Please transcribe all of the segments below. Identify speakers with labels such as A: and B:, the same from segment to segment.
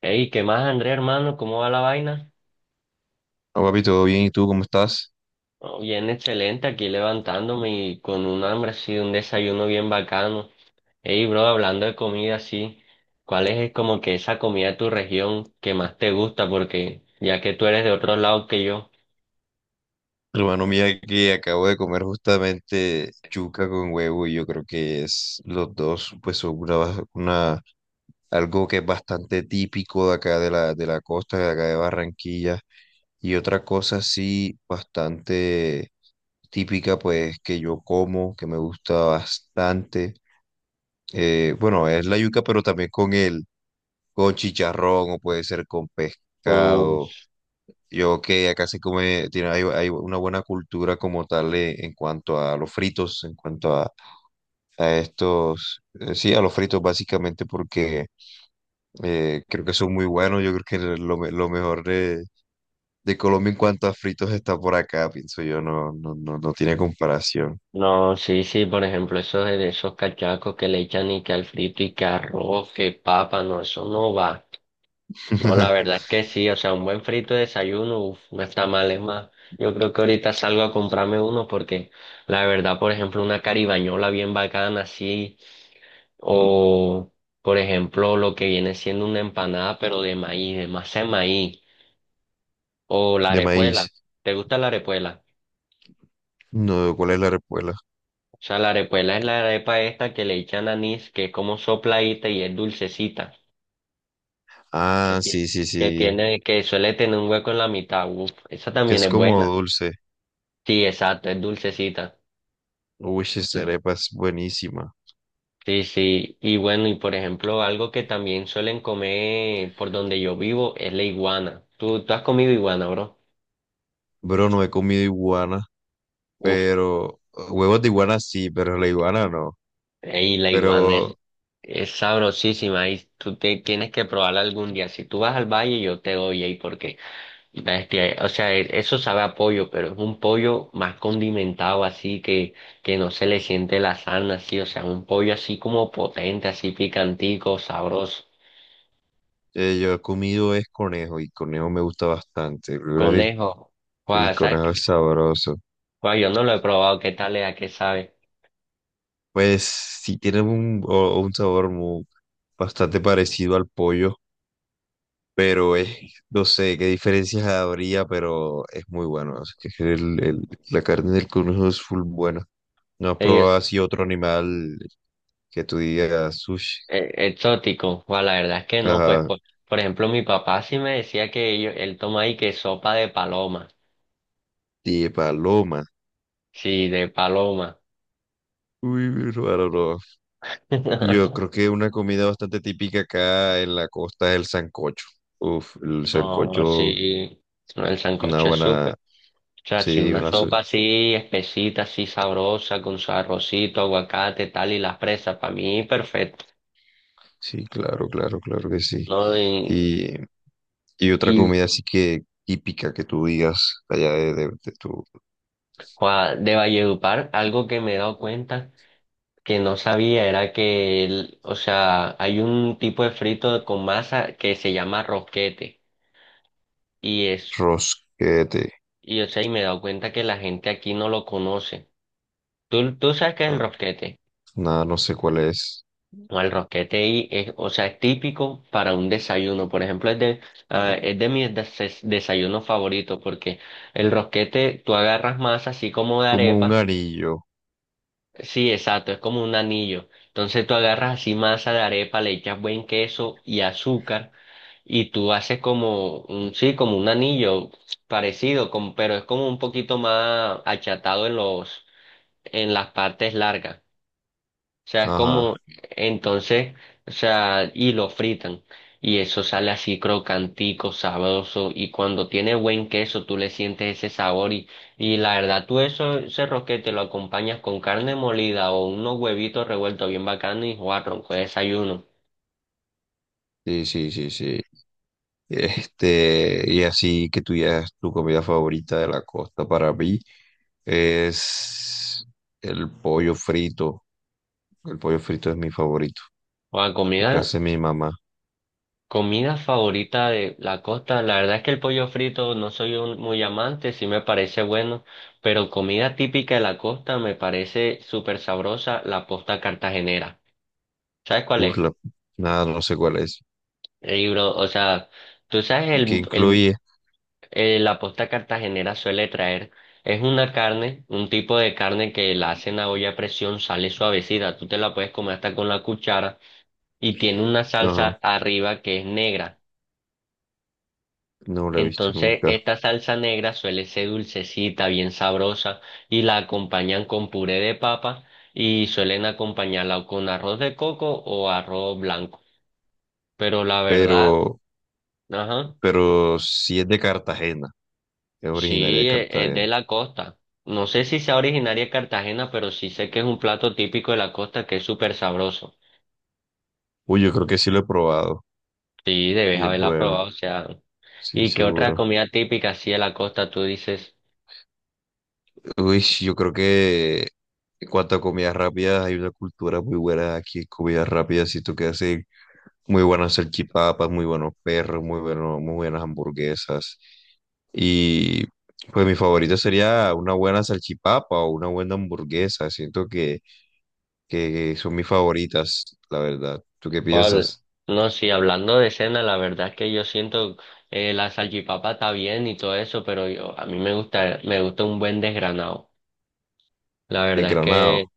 A: Hey, ¿qué más, André, hermano? ¿Cómo va la vaina?
B: No, papi, todo bien, ¿y tú cómo estás?
A: Oh, bien, excelente, aquí levantándome y con un hambre así, un desayuno bien bacano. Hey, bro, hablando de comida así, ¿cuál es como que esa comida de tu región que más te gusta? Porque ya que tú eres de otro lado que yo.
B: Hermano, mira que acabo de comer justamente yuca con huevo y yo creo que es los dos, pues son una, algo que es bastante típico de acá de la costa, de acá de Barranquilla. Y otra cosa sí bastante típica, pues que yo como, que me gusta bastante. Bueno, es la yuca, pero también con con chicharrón o puede ser con pescado.
A: Uf,
B: Yo que acá se come, hay una buena cultura como tal en cuanto a los fritos, en cuanto a estos, sí, a los fritos básicamente porque creo que son muy buenos. Yo creo que lo mejor de Colombia en cuanto a fritos está por acá, pienso yo, no tiene comparación.
A: no, sí, sí, por ejemplo, esos de esos cachacos que le echan y que al frito y que arroz, que papa, no, eso no va. No, la verdad es que sí, o sea, un buen frito de desayuno, uf, no está mal, es más. Yo creo que ahorita salgo a comprarme uno porque la verdad, por ejemplo, una caribañola bien bacana así, o por ejemplo, lo que viene siendo una empanada pero de maíz, de masa de maíz, o la
B: De
A: arepuela.
B: maíz.
A: ¿Te gusta la arepuela?
B: No, ¿cuál es la repuela?
A: O sea, la arepuela es la arepa esta que le echan anís, que es como sopladita y es dulcecita, que
B: Ah,
A: tiene,
B: sí, sí,
A: que
B: sí.
A: tiene, que suele tener un hueco en la mitad, uf, esa
B: Que
A: también
B: es
A: es
B: como
A: buena.
B: dulce.
A: Sí, exacto, es dulcecita.
B: Uy, esa arepa es buenísima.
A: Sí, sí. Y bueno, y por ejemplo, algo que también suelen comer por donde yo vivo es la iguana. ¿Tú has comido iguana, bro?
B: Bro, no he comido iguana,
A: Uf,
B: pero huevos de iguana sí, pero la iguana no.
A: y la iguana
B: Pero
A: es sabrosísima y tú te, tienes que probarla algún día. Si tú vas al valle, yo te doy ahí porque, bestia, o sea, e- eso sabe a pollo, pero es un pollo más condimentado así que no se le siente la sarna así, o sea, un pollo así como potente, así picantico, sabroso.
B: yo he comido es conejo y conejo me gusta bastante. Yo creo que
A: Conejo,
B: el
A: guau, ¿sabes
B: conejo
A: qué?
B: es sabroso.
A: Guau, yo no lo he probado, ¿qué tal es? ¿A qué sabe?
B: Pues sí tiene un, un sabor muy, bastante parecido al pollo. Pero es, no sé qué diferencias habría, pero es muy bueno. Es que la carne del conejo es full buena. ¿No has probado
A: Ellos,
B: así otro animal que tú digas sushi?
A: exótico, guau, la verdad es que no, pues
B: Ajá,
A: por ejemplo mi papá sí me decía que ellos, él toma ahí que sopa de paloma,
B: de paloma.
A: sí, de paloma.
B: Uy, mi hermano, no. Yo creo que una comida bastante típica acá en la costa es el sancocho. Uf, el
A: No,
B: sancocho,
A: sí, no, el
B: una
A: sancocho es súper,
B: buena,
A: o sea, sí,
B: sí,
A: una Sí.
B: una,
A: sopa así espesita, así sabrosa, con su arrocito, aguacate, tal, y las presas, para mí perfecto,
B: sí, claro, claro, claro que sí.
A: ¿no?
B: Y, y otra
A: Y
B: comida así que típica que tú digas allá de tu
A: guau, de Valledupar, algo que me he dado cuenta. Que no sabía era que, el- o sea, hay un tipo de frito con masa que se llama rosquete y es,
B: rosquete.
A: y o sea, y me he dado cuenta que la gente aquí no lo conoce. ¿Tú sabes qué es el
B: ah,
A: rosquete?
B: Nada, no sé cuál es.
A: No, el rosquete ahí es, o sea, es típico para un desayuno. Por ejemplo, es de, ah, es de mis des- desayunos favoritos porque el rosquete, tú agarras masa así como de
B: Como un
A: arepa.
B: anillo.
A: Sí, exacto, es como un anillo. Entonces tú agarras así masa de arepa, le echas buen queso y azúcar y tú haces como un, sí, como un anillo parecido, como- pero es como un poquito más achatado en los, en las partes largas. O sea, es como,
B: Ajá.
A: entonces, o sea, y lo fritan. Y eso sale así crocantico, sabroso. Y cuando tiene buen queso, tú le sientes ese sabor. Y la verdad, tú eso, ese rosquete lo acompañas con carne molida o unos huevitos revueltos bien bacanos y jugar ronco de desayuno.
B: Sí, sí, sí, sí. Este, y así que tú ya es tu comida favorita de la costa para mí es el pollo frito. El pollo frito es mi favorito.
A: O
B: El que
A: comida,
B: hace mi mamá.
A: comida favorita de la costa. La verdad es que el pollo frito no soy un- muy amante, sí me parece bueno. Pero comida típica de la costa me parece súper sabrosa, la posta cartagenera. ¿Sabes cuál
B: Uf,
A: es?
B: la- Nada, no sé cuál es.
A: El libro, o sea, tú sabes,
B: Que
A: el,
B: incluye.
A: la posta cartagenera suele traer, es una carne, un tipo de carne que la hacen a olla a presión, sale suavecida, tú te la puedes comer hasta con la cuchara y tiene una
B: Ajá,
A: salsa arriba que es negra.
B: no la he visto
A: Entonces,
B: nunca.
A: esta salsa negra suele ser dulcecita, bien sabrosa y la acompañan con puré de papa y suelen acompañarla o con arroz de coco o arroz blanco. Pero la verdad,
B: Pero,
A: ajá.
B: pero sí es de Cartagena. Es originaria
A: Sí,
B: de
A: e- es
B: Cartagena.
A: de la costa. No sé si sea originaria de Cartagena, pero sí sé que es un plato típico de la costa que es súper sabroso.
B: Uy, yo creo que sí lo he probado.
A: Sí, debes
B: Y es
A: haberla
B: bueno.
A: probado, o sea.
B: Sí,
A: ¿Y qué otra
B: seguro.
A: comida típica así de la costa tú dices?
B: Uy, yo creo que en cuanto a comidas rápidas, hay una cultura muy buena aquí en comidas rápidas. Siento que hacen muy buenas salchipapas, muy buenos perros, muy buenas hamburguesas. Y pues mi favorita sería una buena salchipapa o una buena hamburguesa. Siento que son mis favoritas, la verdad. ¿Tú qué
A: ¿Cuál?
B: piensas?
A: No, sí, hablando de cena, la verdad es que yo siento la salchipapa está bien y todo eso, pero yo a mí me gusta un buen desgranado. La
B: El
A: verdad es que
B: granado.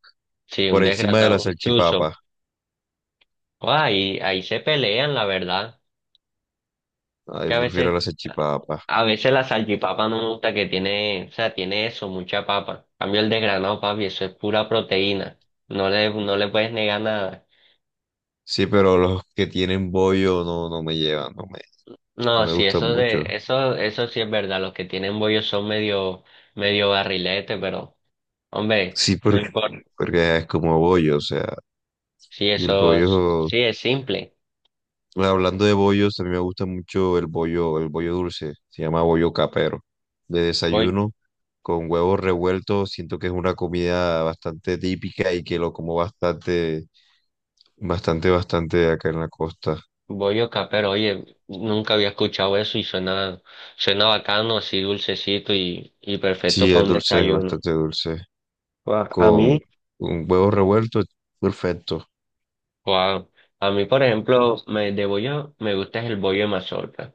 A: sí, un
B: Por encima de la
A: desgranado, un chuzo.
B: salchipapa.
A: Ah, ahí, ahí se pelean, la verdad. Que
B: Ay,
A: a
B: prefiero
A: veces,
B: la
A: a
B: salchipapa.
A: a veces la salchipapa no me gusta que tiene, o sea, tiene eso, mucha papa. En cambio el desgranado, papi, eso es pura proteína. No le, no le puedes negar nada.
B: Sí, pero los que tienen bollo no me llevan, no
A: No,
B: me
A: sí,
B: gustan
A: eso de,
B: mucho.
A: eso sí es verdad. Los que tienen bollos son medio, medio barrilete, pero, hombre,
B: Sí,
A: no importa.
B: porque es como bollo, o sea,
A: Sí,
B: y el
A: eso, es-
B: bollo,
A: sí es simple.
B: bueno, hablando de bollos, a mí me gusta mucho el bollo dulce, se llama bollo capero, de
A: Voy,
B: desayuno, con huevos revueltos, siento que es una comida bastante típica y que lo como bastante acá en la costa.
A: bollo capero, oye, nunca había escuchado eso y suena, suena bacano, así dulcecito y perfecto
B: Sí,
A: para
B: es
A: un
B: dulce, es
A: desayuno.
B: bastante dulce,
A: Guau, a mí.
B: con, con huevos revueltos, perfecto.
A: Wow. A mí, por ejemplo, me, de bollo, me gusta es el bollo de mazorca,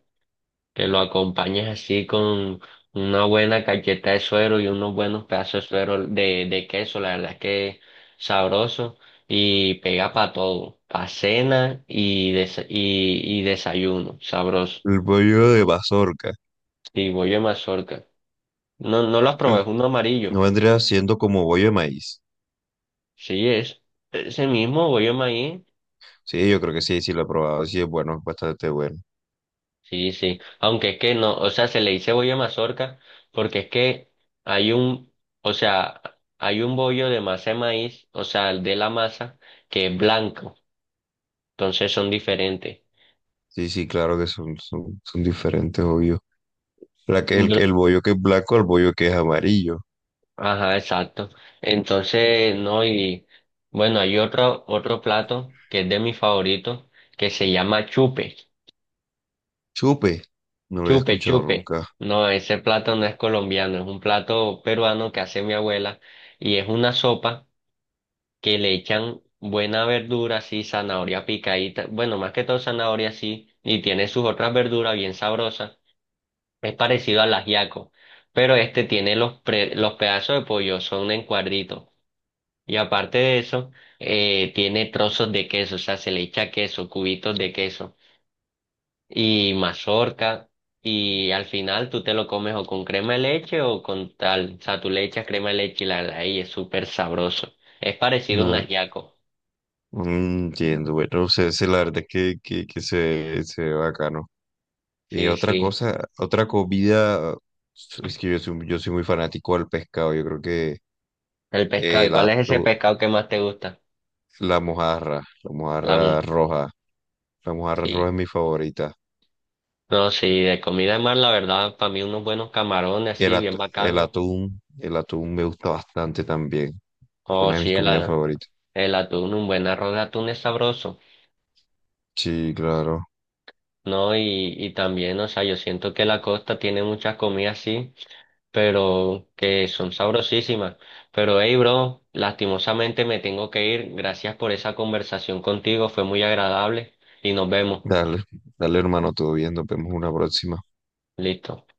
A: que lo acompañes así con una buena cacheta de suero y unos buenos pedazos de suero de queso, la verdad es que es sabroso y pega para todo, para cena y, desa- y desayuno, sabroso.
B: El bollo de mazorca.
A: Y bollo de mazorca. No, no lo has
B: Uf,
A: probado, es uno
B: no
A: amarillo.
B: vendría siendo como bollo de maíz.
A: Sí, es ese mismo bollo de maíz.
B: Sí, yo creo que sí, sí lo he probado. Sí, es bueno, es bastante bueno.
A: Sí, sí, aunque es que no, o sea, se le dice bollo de mazorca porque es que hay un, o sea, hay un bollo de masa de maíz, o sea, el de la masa, que es blanco, entonces son diferentes.
B: Sí, sí, claro que son diferentes, obvio.
A: Br-
B: El bollo que es blanco al bollo que es amarillo.
A: ajá, exacto. Entonces, no, y bueno, hay otro, otro plato que es de mis favoritos, que se llama chupe,
B: Chupe. No lo había
A: chupe,
B: escuchado
A: chupe.
B: nunca.
A: No, ese plato no es colombiano, es un plato peruano que hace mi abuela y es una sopa que le echan buena verdura, sí, zanahoria picadita, bueno, más que todo zanahoria, sí, y tiene sus otras verduras bien sabrosas. Es parecido al ajiaco, pero este tiene los, pre- los pedazos de pollo, son en cuadritos. Y aparte de eso, tiene trozos de queso, o sea, se le echa queso, cubitos de queso y mazorca. Y al final tú te lo comes o con crema de leche o con tal, o sea, tú le echas crema de leche y la verdad, ahí es súper sabroso. Es parecido a un
B: No,
A: ajiaco.
B: no entiendo. Bueno, o sea, ese, la verdad es que se ve bacano. Y
A: Sí,
B: otra
A: sí.
B: cosa, otra comida. Es que yo soy muy fanático al pescado. Yo creo que
A: El pescado. ¿Y
B: el
A: cuál es ese
B: atún.
A: pescado que más te gusta?
B: La
A: La
B: mojarra
A: mu.
B: roja. La mojarra roja
A: Sí.
B: es mi favorita.
A: No, sí, de comida de mar, la verdad, para mí unos buenos camarones así, bien bacanos.
B: El atún me gusta bastante también. Fue
A: Oh,
B: una de
A: sí,
B: mis
A: el,
B: comidas
A: a-
B: favoritas.
A: el atún, un buen arroz de atún es sabroso.
B: Sí, claro.
A: No, y también, o sea, yo siento que la costa tiene muchas comidas así, pero que son sabrosísimas. Pero hey, bro, lastimosamente me tengo que ir. Gracias por esa conversación contigo, fue muy agradable y nos vemos.
B: Dale, dale hermano, todo bien, nos vemos una próxima.
A: Listo.